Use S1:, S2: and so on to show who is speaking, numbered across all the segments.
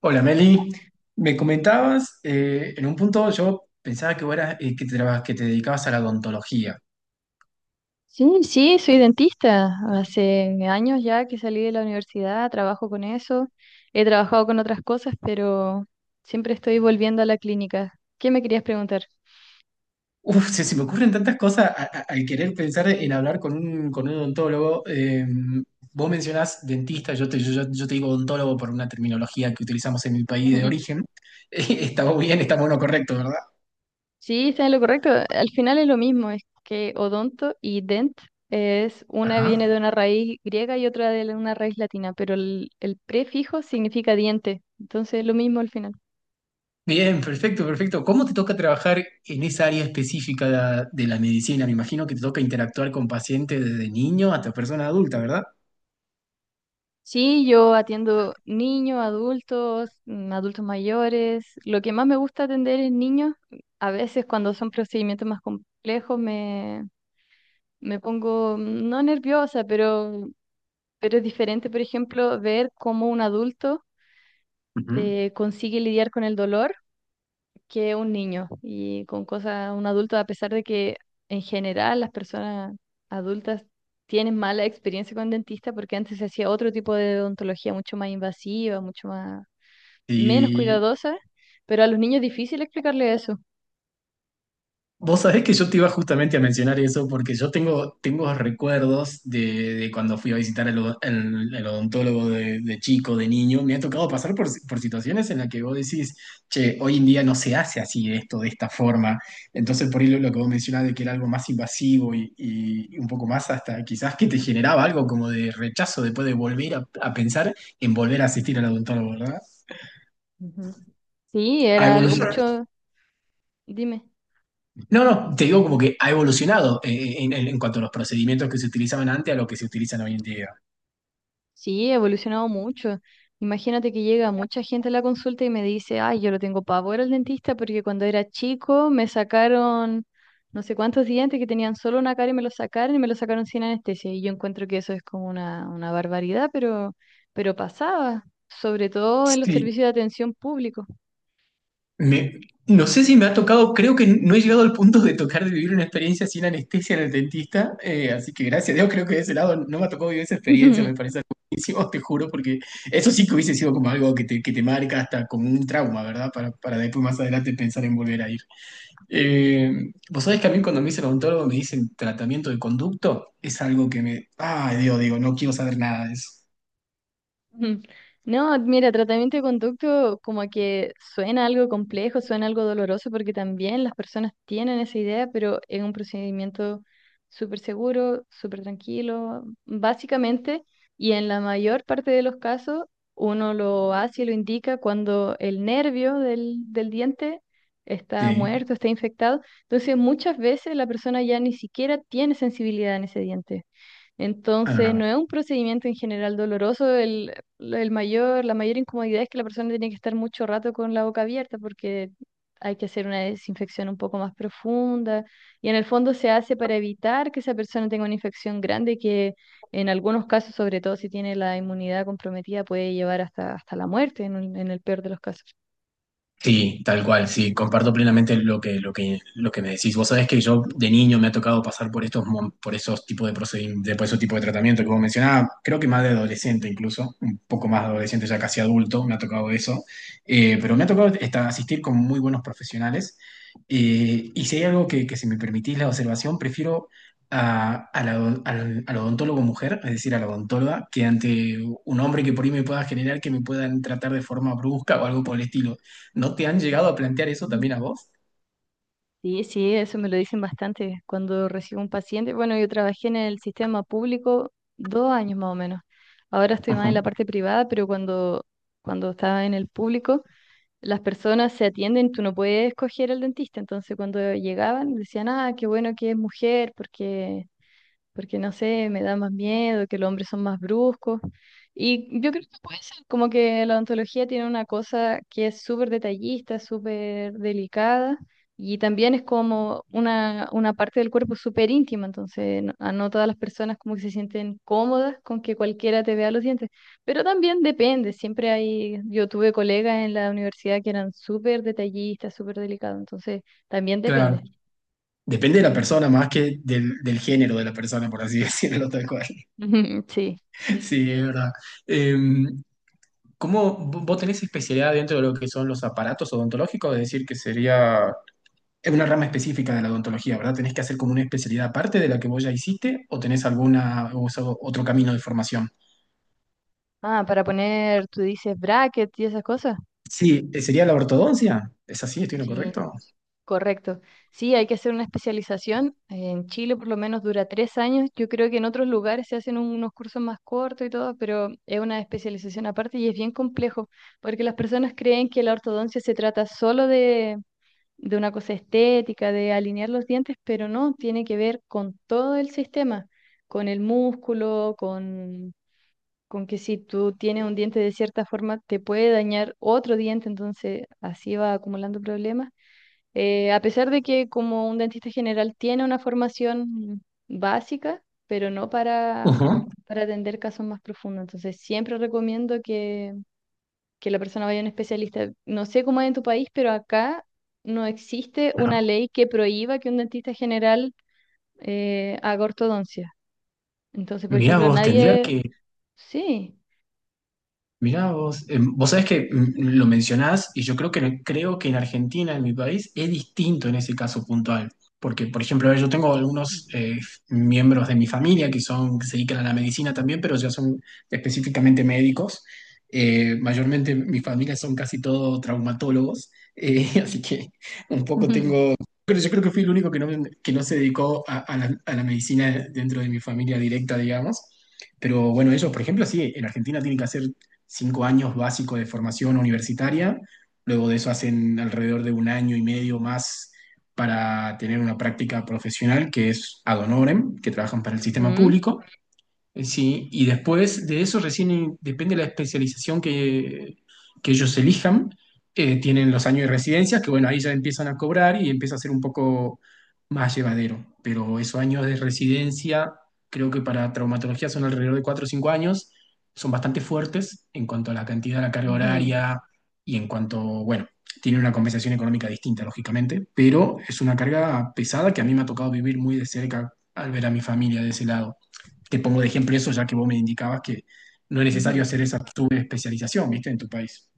S1: Hola Meli, me comentabas, en un punto yo pensaba que vos eras, que te dedicabas a la odontología.
S2: Sí, sí, soy dentista. Hace años ya que salí de la universidad, trabajo con eso. He trabajado con otras cosas, pero siempre estoy volviendo a la clínica. ¿Qué me querías preguntar?
S1: Uf, se me ocurren tantas cosas al querer pensar en hablar con con un odontólogo. Vos mencionás dentista, yo te digo odontólogo por una terminología que utilizamos en mi país de origen. Está muy bien, estamos en correcto, ¿verdad?
S2: Sí, está en lo correcto. Al final es lo mismo, es que odonto y dent es una
S1: Ajá.
S2: viene de una raíz griega y otra de una raíz latina, pero el prefijo significa diente. Entonces es lo mismo al final.
S1: Bien, perfecto, perfecto. ¿Cómo te toca trabajar en esa área específica de la medicina? Me imagino que te toca interactuar con pacientes desde niño hasta persona adulta, ¿verdad?
S2: Sí, yo atiendo niños, adultos, adultos mayores. Lo que más me gusta atender es niños. A veces cuando son procedimientos más complejos me pongo no nerviosa, pero es diferente, por ejemplo, ver cómo un adulto
S1: Ujú.
S2: consigue lidiar con el dolor que un niño y con cosas, un adulto, a pesar de que en general las personas adultas tienen mala experiencia con dentista porque antes se hacía otro tipo de odontología mucho más invasiva, mucho más menos
S1: Y
S2: cuidadosa, pero a los niños es difícil explicarle eso.
S1: Vos sabés que yo te iba justamente a mencionar eso porque tengo recuerdos de cuando fui a visitar al odontólogo de chico, de niño. Me ha tocado pasar por, si- por situaciones en las que vos decís, che, hoy en día no se hace así esto, de esta forma. Entonces, por ahí lo que vos mencionás de que era algo más invasivo y un poco más hasta quizás que te generaba algo como de rechazo después de volver a pensar en volver a asistir al odontólogo, ¿verdad?
S2: Ujú. Sí,
S1: A
S2: era algo
S1: evolucionado
S2: mucho, dime,
S1: No, no, te digo como que ha evolucionado en cuanto a los procedimientos que se utilizaban antes a lo que se utilizan hoy en día.
S2: sí, ha evolucionado mucho. Imagínate que llega mucha gente a la consulta y me dice, ay, yo lo tengo pavor al dentista porque cuando era chico me sacaron no sé cuántos dientes que tenían solo una cara y me los sacaron y me los sacaron sin anestesia. Y yo encuentro que eso es como una barbaridad, pero pasaba, sobre todo en los
S1: Sí,
S2: servicios de atención público.
S1: me- no sé si me ha tocado, creo que no he llegado al punto de tocar de vivir una experiencia sin anestesia en el dentista, así que gracias a Dios creo que de ese lado no me ha tocado vivir esa experiencia, me parece algo buenísimo, te juro, porque eso sí que hubiese sido como algo que te marca hasta como un trauma, ¿verdad? Para después más adelante pensar en volver a ir. Vos sabés que a mí cuando me dice odontólogo me dicen tratamiento de conducto, es algo que me... Ay, Dios, digo, no quiero saber nada de eso.
S2: Ujú. No, mira, tratamiento de conducto como que suena algo complejo, suena algo doloroso, porque también las personas tienen esa idea, pero es un procedimiento súper seguro, súper tranquilo, básicamente, y en la mayor parte de los casos uno lo hace y lo indica cuando el nervio del diente está
S1: Sí.
S2: muerto, está infectado, entonces muchas veces la persona ya ni siquiera tiene sensibilidad en ese diente. Entonces,
S1: Ah.
S2: no es un procedimiento en general doloroso. El mayor, la mayor incomodidad es que la persona tiene que estar mucho rato con la boca abierta porque hay que hacer una desinfección un poco más profunda. Y en el fondo se hace para evitar que esa persona tenga una infección grande que en algunos casos, sobre todo si tiene la inmunidad comprometida, puede llevar hasta, hasta la muerte en, en el peor de los casos.
S1: Sí, tal cual, sí, comparto plenamente lo que me decís. Vos sabés que yo de niño me ha tocado pasar por por esos tipos de procedimientos, por esos tipos de tratamiento que vos mencionabas, creo que más de adolescente incluso, un poco más de adolescente, ya casi adulto, me ha tocado eso. Pero me ha tocado asistir con muy buenos profesionales. Y si hay algo que si me permitís la observación, prefiero a, a la- al odontólogo mujer, es decir, a la odontóloga, que ante un hombre que por ahí me pueda generar que me puedan tratar de forma brusca o algo por el estilo. ¿No te han llegado a plantear eso también a vos?
S2: Sí, sí, eso me lo dicen bastante cuando recibo un paciente. Bueno, yo trabajé en el sistema público 2 años más o menos. Ahora estoy más en la
S1: Ujú.
S2: parte privada, pero cuando estaba en el público, las personas se atienden, tú no puedes escoger al dentista. Entonces, cuando llegaban, decían, ah, qué bueno que es mujer, porque porque no sé, me da más miedo, que los hombres son más bruscos. Y yo creo que puede ser, como que la odontología tiene una cosa que es súper detallista, súper delicada, y también es como una parte del cuerpo súper íntima, entonces no, a no todas las personas como que se sienten cómodas con que cualquiera te vea los dientes, pero también depende, siempre hay, yo tuve colegas en la universidad que eran súper detallistas, súper delicados, entonces también
S1: Claro.
S2: depende.
S1: Depende de la persona, más que del género de la persona, por así decirlo tal cual.
S2: Sí.
S1: Sí, es verdad. Em, ¿Cómo vos tenés especialidad dentro de lo que son los aparatos odontológicos? Es decir, que sería es una rama específica de la odontología, ¿verdad? ¿Tenés que hacer como una especialidad aparte de la que vos ya hiciste o tenés alguna o usado otro camino de formación?
S2: Ah, para poner, tú dices bracket y esas cosas.
S1: Sí, sería la ortodoncia. ¿Es así? ¿Estoy en lo
S2: Sí,
S1: correcto?
S2: correcto. Sí, hay que hacer una especialización. En Chile por lo menos dura 3 años. Yo creo que en otros lugares se hacen unos cursos más cortos y todo, pero es una especialización aparte y es bien complejo, porque las personas creen que la ortodoncia se trata solo de una cosa estética, de alinear los dientes, pero no, tiene que ver con todo el sistema, con el músculo, con que si tú tienes un diente de cierta forma, te puede dañar otro diente, entonces así va acumulando problemas. A pesar de que como un dentista general tiene una formación básica, pero no para,
S1: Ujú.
S2: para atender casos más profundos, entonces siempre recomiendo que la persona vaya a un especialista. No sé cómo es en tu país, pero acá no existe
S1: Ajá.
S2: una ley que prohíba que un dentista general haga ortodoncia. Entonces, por
S1: Mirá
S2: ejemplo,
S1: vos, tendría
S2: nadie...
S1: que
S2: Sí.
S1: Mirá vos, vos sabés que lo mencionás y yo creo que en Argentina, en mi país, es distinto en ese caso puntual. Porque, por ejemplo, a ver, yo tengo algunos miembros de mi familia que son, que se dedican a la medicina también, pero ya son específicamente médicos. Mayormente mi familia son casi todos traumatólogos, así que un poco tengo... Pero yo creo que fui el único que no se dedicó a la medicina dentro de mi familia directa, digamos. Pero bueno, ellos, por ejemplo, sí, en Argentina tienen que hacer cinco años básicos de formación universitaria, luego de eso hacen alrededor de un año y medio más para tener una práctica profesional que es ad honorem, que trabajan para el sistema
S2: Ujú.
S1: público, sí, y después de eso recién depende de la especialización que ellos elijan. Tienen los años de residencia, que bueno, ahí ya empiezan a cobrar y empieza a ser un poco más llevadero. Pero esos años de residencia, creo que para traumatología son alrededor de 4 o 5 años, son bastante fuertes en cuanto a la cantidad de la carga
S2: Ujú,
S1: horaria y en cuanto, bueno, tienen una compensación económica distinta, lógicamente, pero es una carga pesada que a mí me ha tocado vivir muy de cerca al ver a mi familia de ese lado. Te pongo de ejemplo eso, ya que vos me indicabas que no es necesario
S2: ujú.
S1: hacer esa subespecialización, ¿viste? En tu país.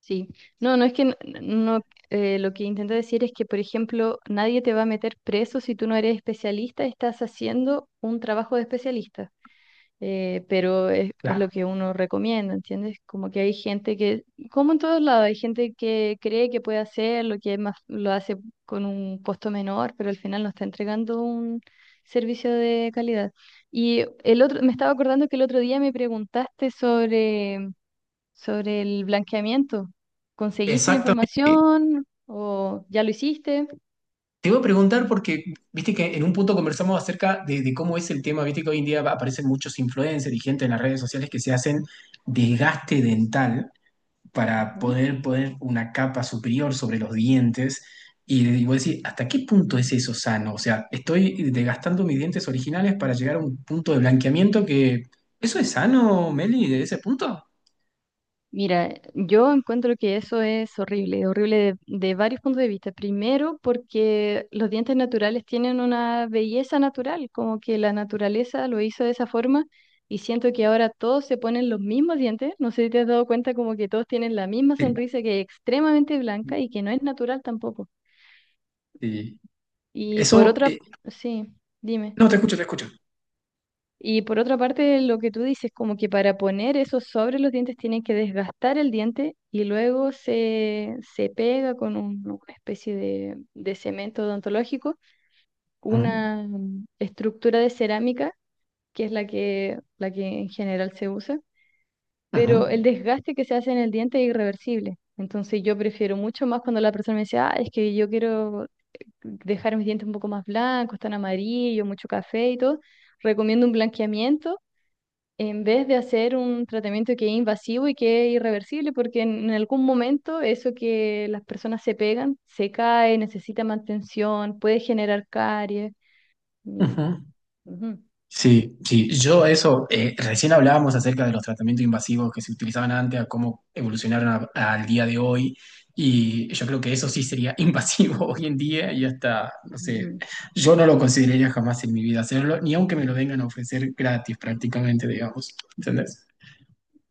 S2: Sí, no, no es que no, lo que intento decir es que, por ejemplo, nadie te va a meter preso si tú no eres especialista, estás haciendo un trabajo de especialista, pero es lo
S1: Claro.
S2: que uno recomienda, ¿entiendes? Como que hay gente que, como en todos lados, hay gente que cree que puede hacer lo que es más, lo hace con un costo menor, pero al final no está entregando un servicio de calidad. Y el otro, me estaba acordando que el otro día me preguntaste sobre sobre el blanqueamiento. ¿Conseguiste la
S1: Exactamente.
S2: información o ya lo hiciste?
S1: Te iba a preguntar porque, viste que en un punto conversamos acerca de cómo es el tema, viste que hoy en día aparecen muchos influencers y gente en las redes sociales que se hacen desgaste dental para poder poner una capa superior sobre los dientes. Y digo, decir, ¿hasta qué punto es eso sano? O sea, estoy desgastando mis dientes originales para llegar a un punto de blanqueamiento que... ¿Eso es sano, Meli, de ese punto?
S2: Mira, yo encuentro que eso es horrible, horrible de varios puntos de vista. Primero, porque los dientes naturales tienen una belleza natural, como que la naturaleza lo hizo de esa forma y siento que ahora todos se ponen los mismos dientes. No sé si te has dado cuenta como que todos tienen la misma
S1: Sí,
S2: sonrisa que es extremadamente blanca y que no es natural tampoco.
S1: sí.
S2: Y por
S1: Eso,
S2: otra,
S1: eh,
S2: sí, dime.
S1: no, te escucho, te escucho.
S2: Y por otra parte, lo que tú dices, como que para poner eso sobre los dientes tienen que desgastar el diente y luego se pega con una especie de cemento odontológico,
S1: Ujú,
S2: una estructura de cerámica, que es la que en general se usa,
S1: ujú,
S2: pero el desgaste que se hace en el diente es irreversible. Entonces yo prefiero mucho más cuando la persona me dice, ah, es que yo quiero dejar mis dientes un poco más blancos, tan amarillos, mucho café y todo. Recomiendo un blanqueamiento en vez de hacer un tratamiento que es invasivo y que es irreversible, porque en algún momento eso que las personas se pegan, se cae, necesita mantención, puede generar caries. y-
S1: ujú.
S2: ujú,
S1: Sí, sí, yo eso, recién hablábamos acerca de los tratamientos invasivos que se utilizaban antes, a cómo evolucionaron al día de hoy, y yo creo que eso sí sería invasivo hoy en día y hasta, no sé,
S2: ujú.
S1: yo no lo consideraría jamás en mi vida hacerlo, ni aunque me lo vengan a ofrecer gratis prácticamente, digamos, ¿entendés?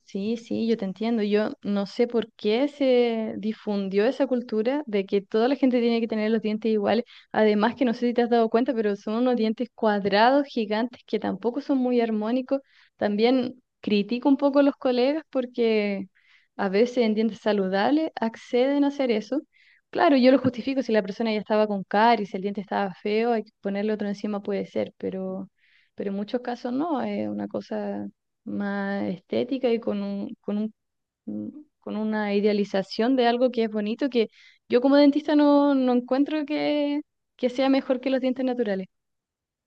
S2: Sí, sí, yo te entiendo. Yo no sé por qué se difundió esa cultura de que toda la gente tiene que tener los dientes iguales. Además que no sé si te has dado cuenta, pero son unos dientes cuadrados gigantes que tampoco son muy armónicos. También critico un poco a los colegas porque a veces en dientes saludables acceden a hacer eso. Claro, yo lo justifico si la persona ya estaba con caries, si el diente estaba feo, hay que ponerle otro encima puede ser, pero en muchos casos no, es una cosa más estética y con un, con una idealización de algo que es bonito, que yo como dentista no, no encuentro que sea mejor que los dientes naturales.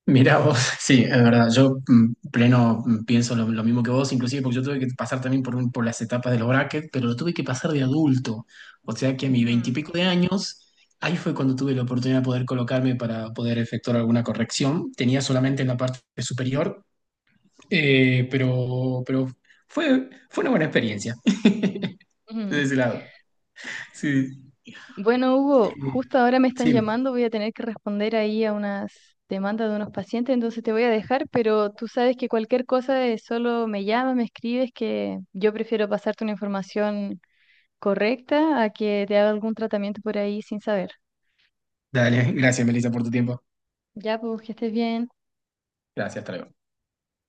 S1: Mirá vos, sí, es verdad, pleno pienso lo mismo que vos, inclusive porque yo tuve que pasar también por las etapas de los brackets, pero lo tuve que pasar de adulto, o sea que a mis
S2: Ujú.
S1: veintipico de años, ahí fue cuando tuve la oportunidad de poder colocarme para poder efectuar alguna corrección, tenía solamente en la parte superior, pero fue, fue una buena experiencia, de
S2: Ujú.
S1: ese lado. Sí,
S2: Bueno, Hugo,
S1: eh,
S2: justo ahora me están
S1: sí,
S2: llamando, voy a tener que responder ahí a unas demandas de unos pacientes, entonces te voy a dejar, pero tú sabes que cualquier cosa es solo me llamas, me escribes, que yo prefiero pasarte una información correcta a que te haga algún tratamiento por ahí sin saber.
S1: dale, gracias Melissa por tu tiempo,
S2: Ya, pues que estés bien.
S1: gracias, hasta luego.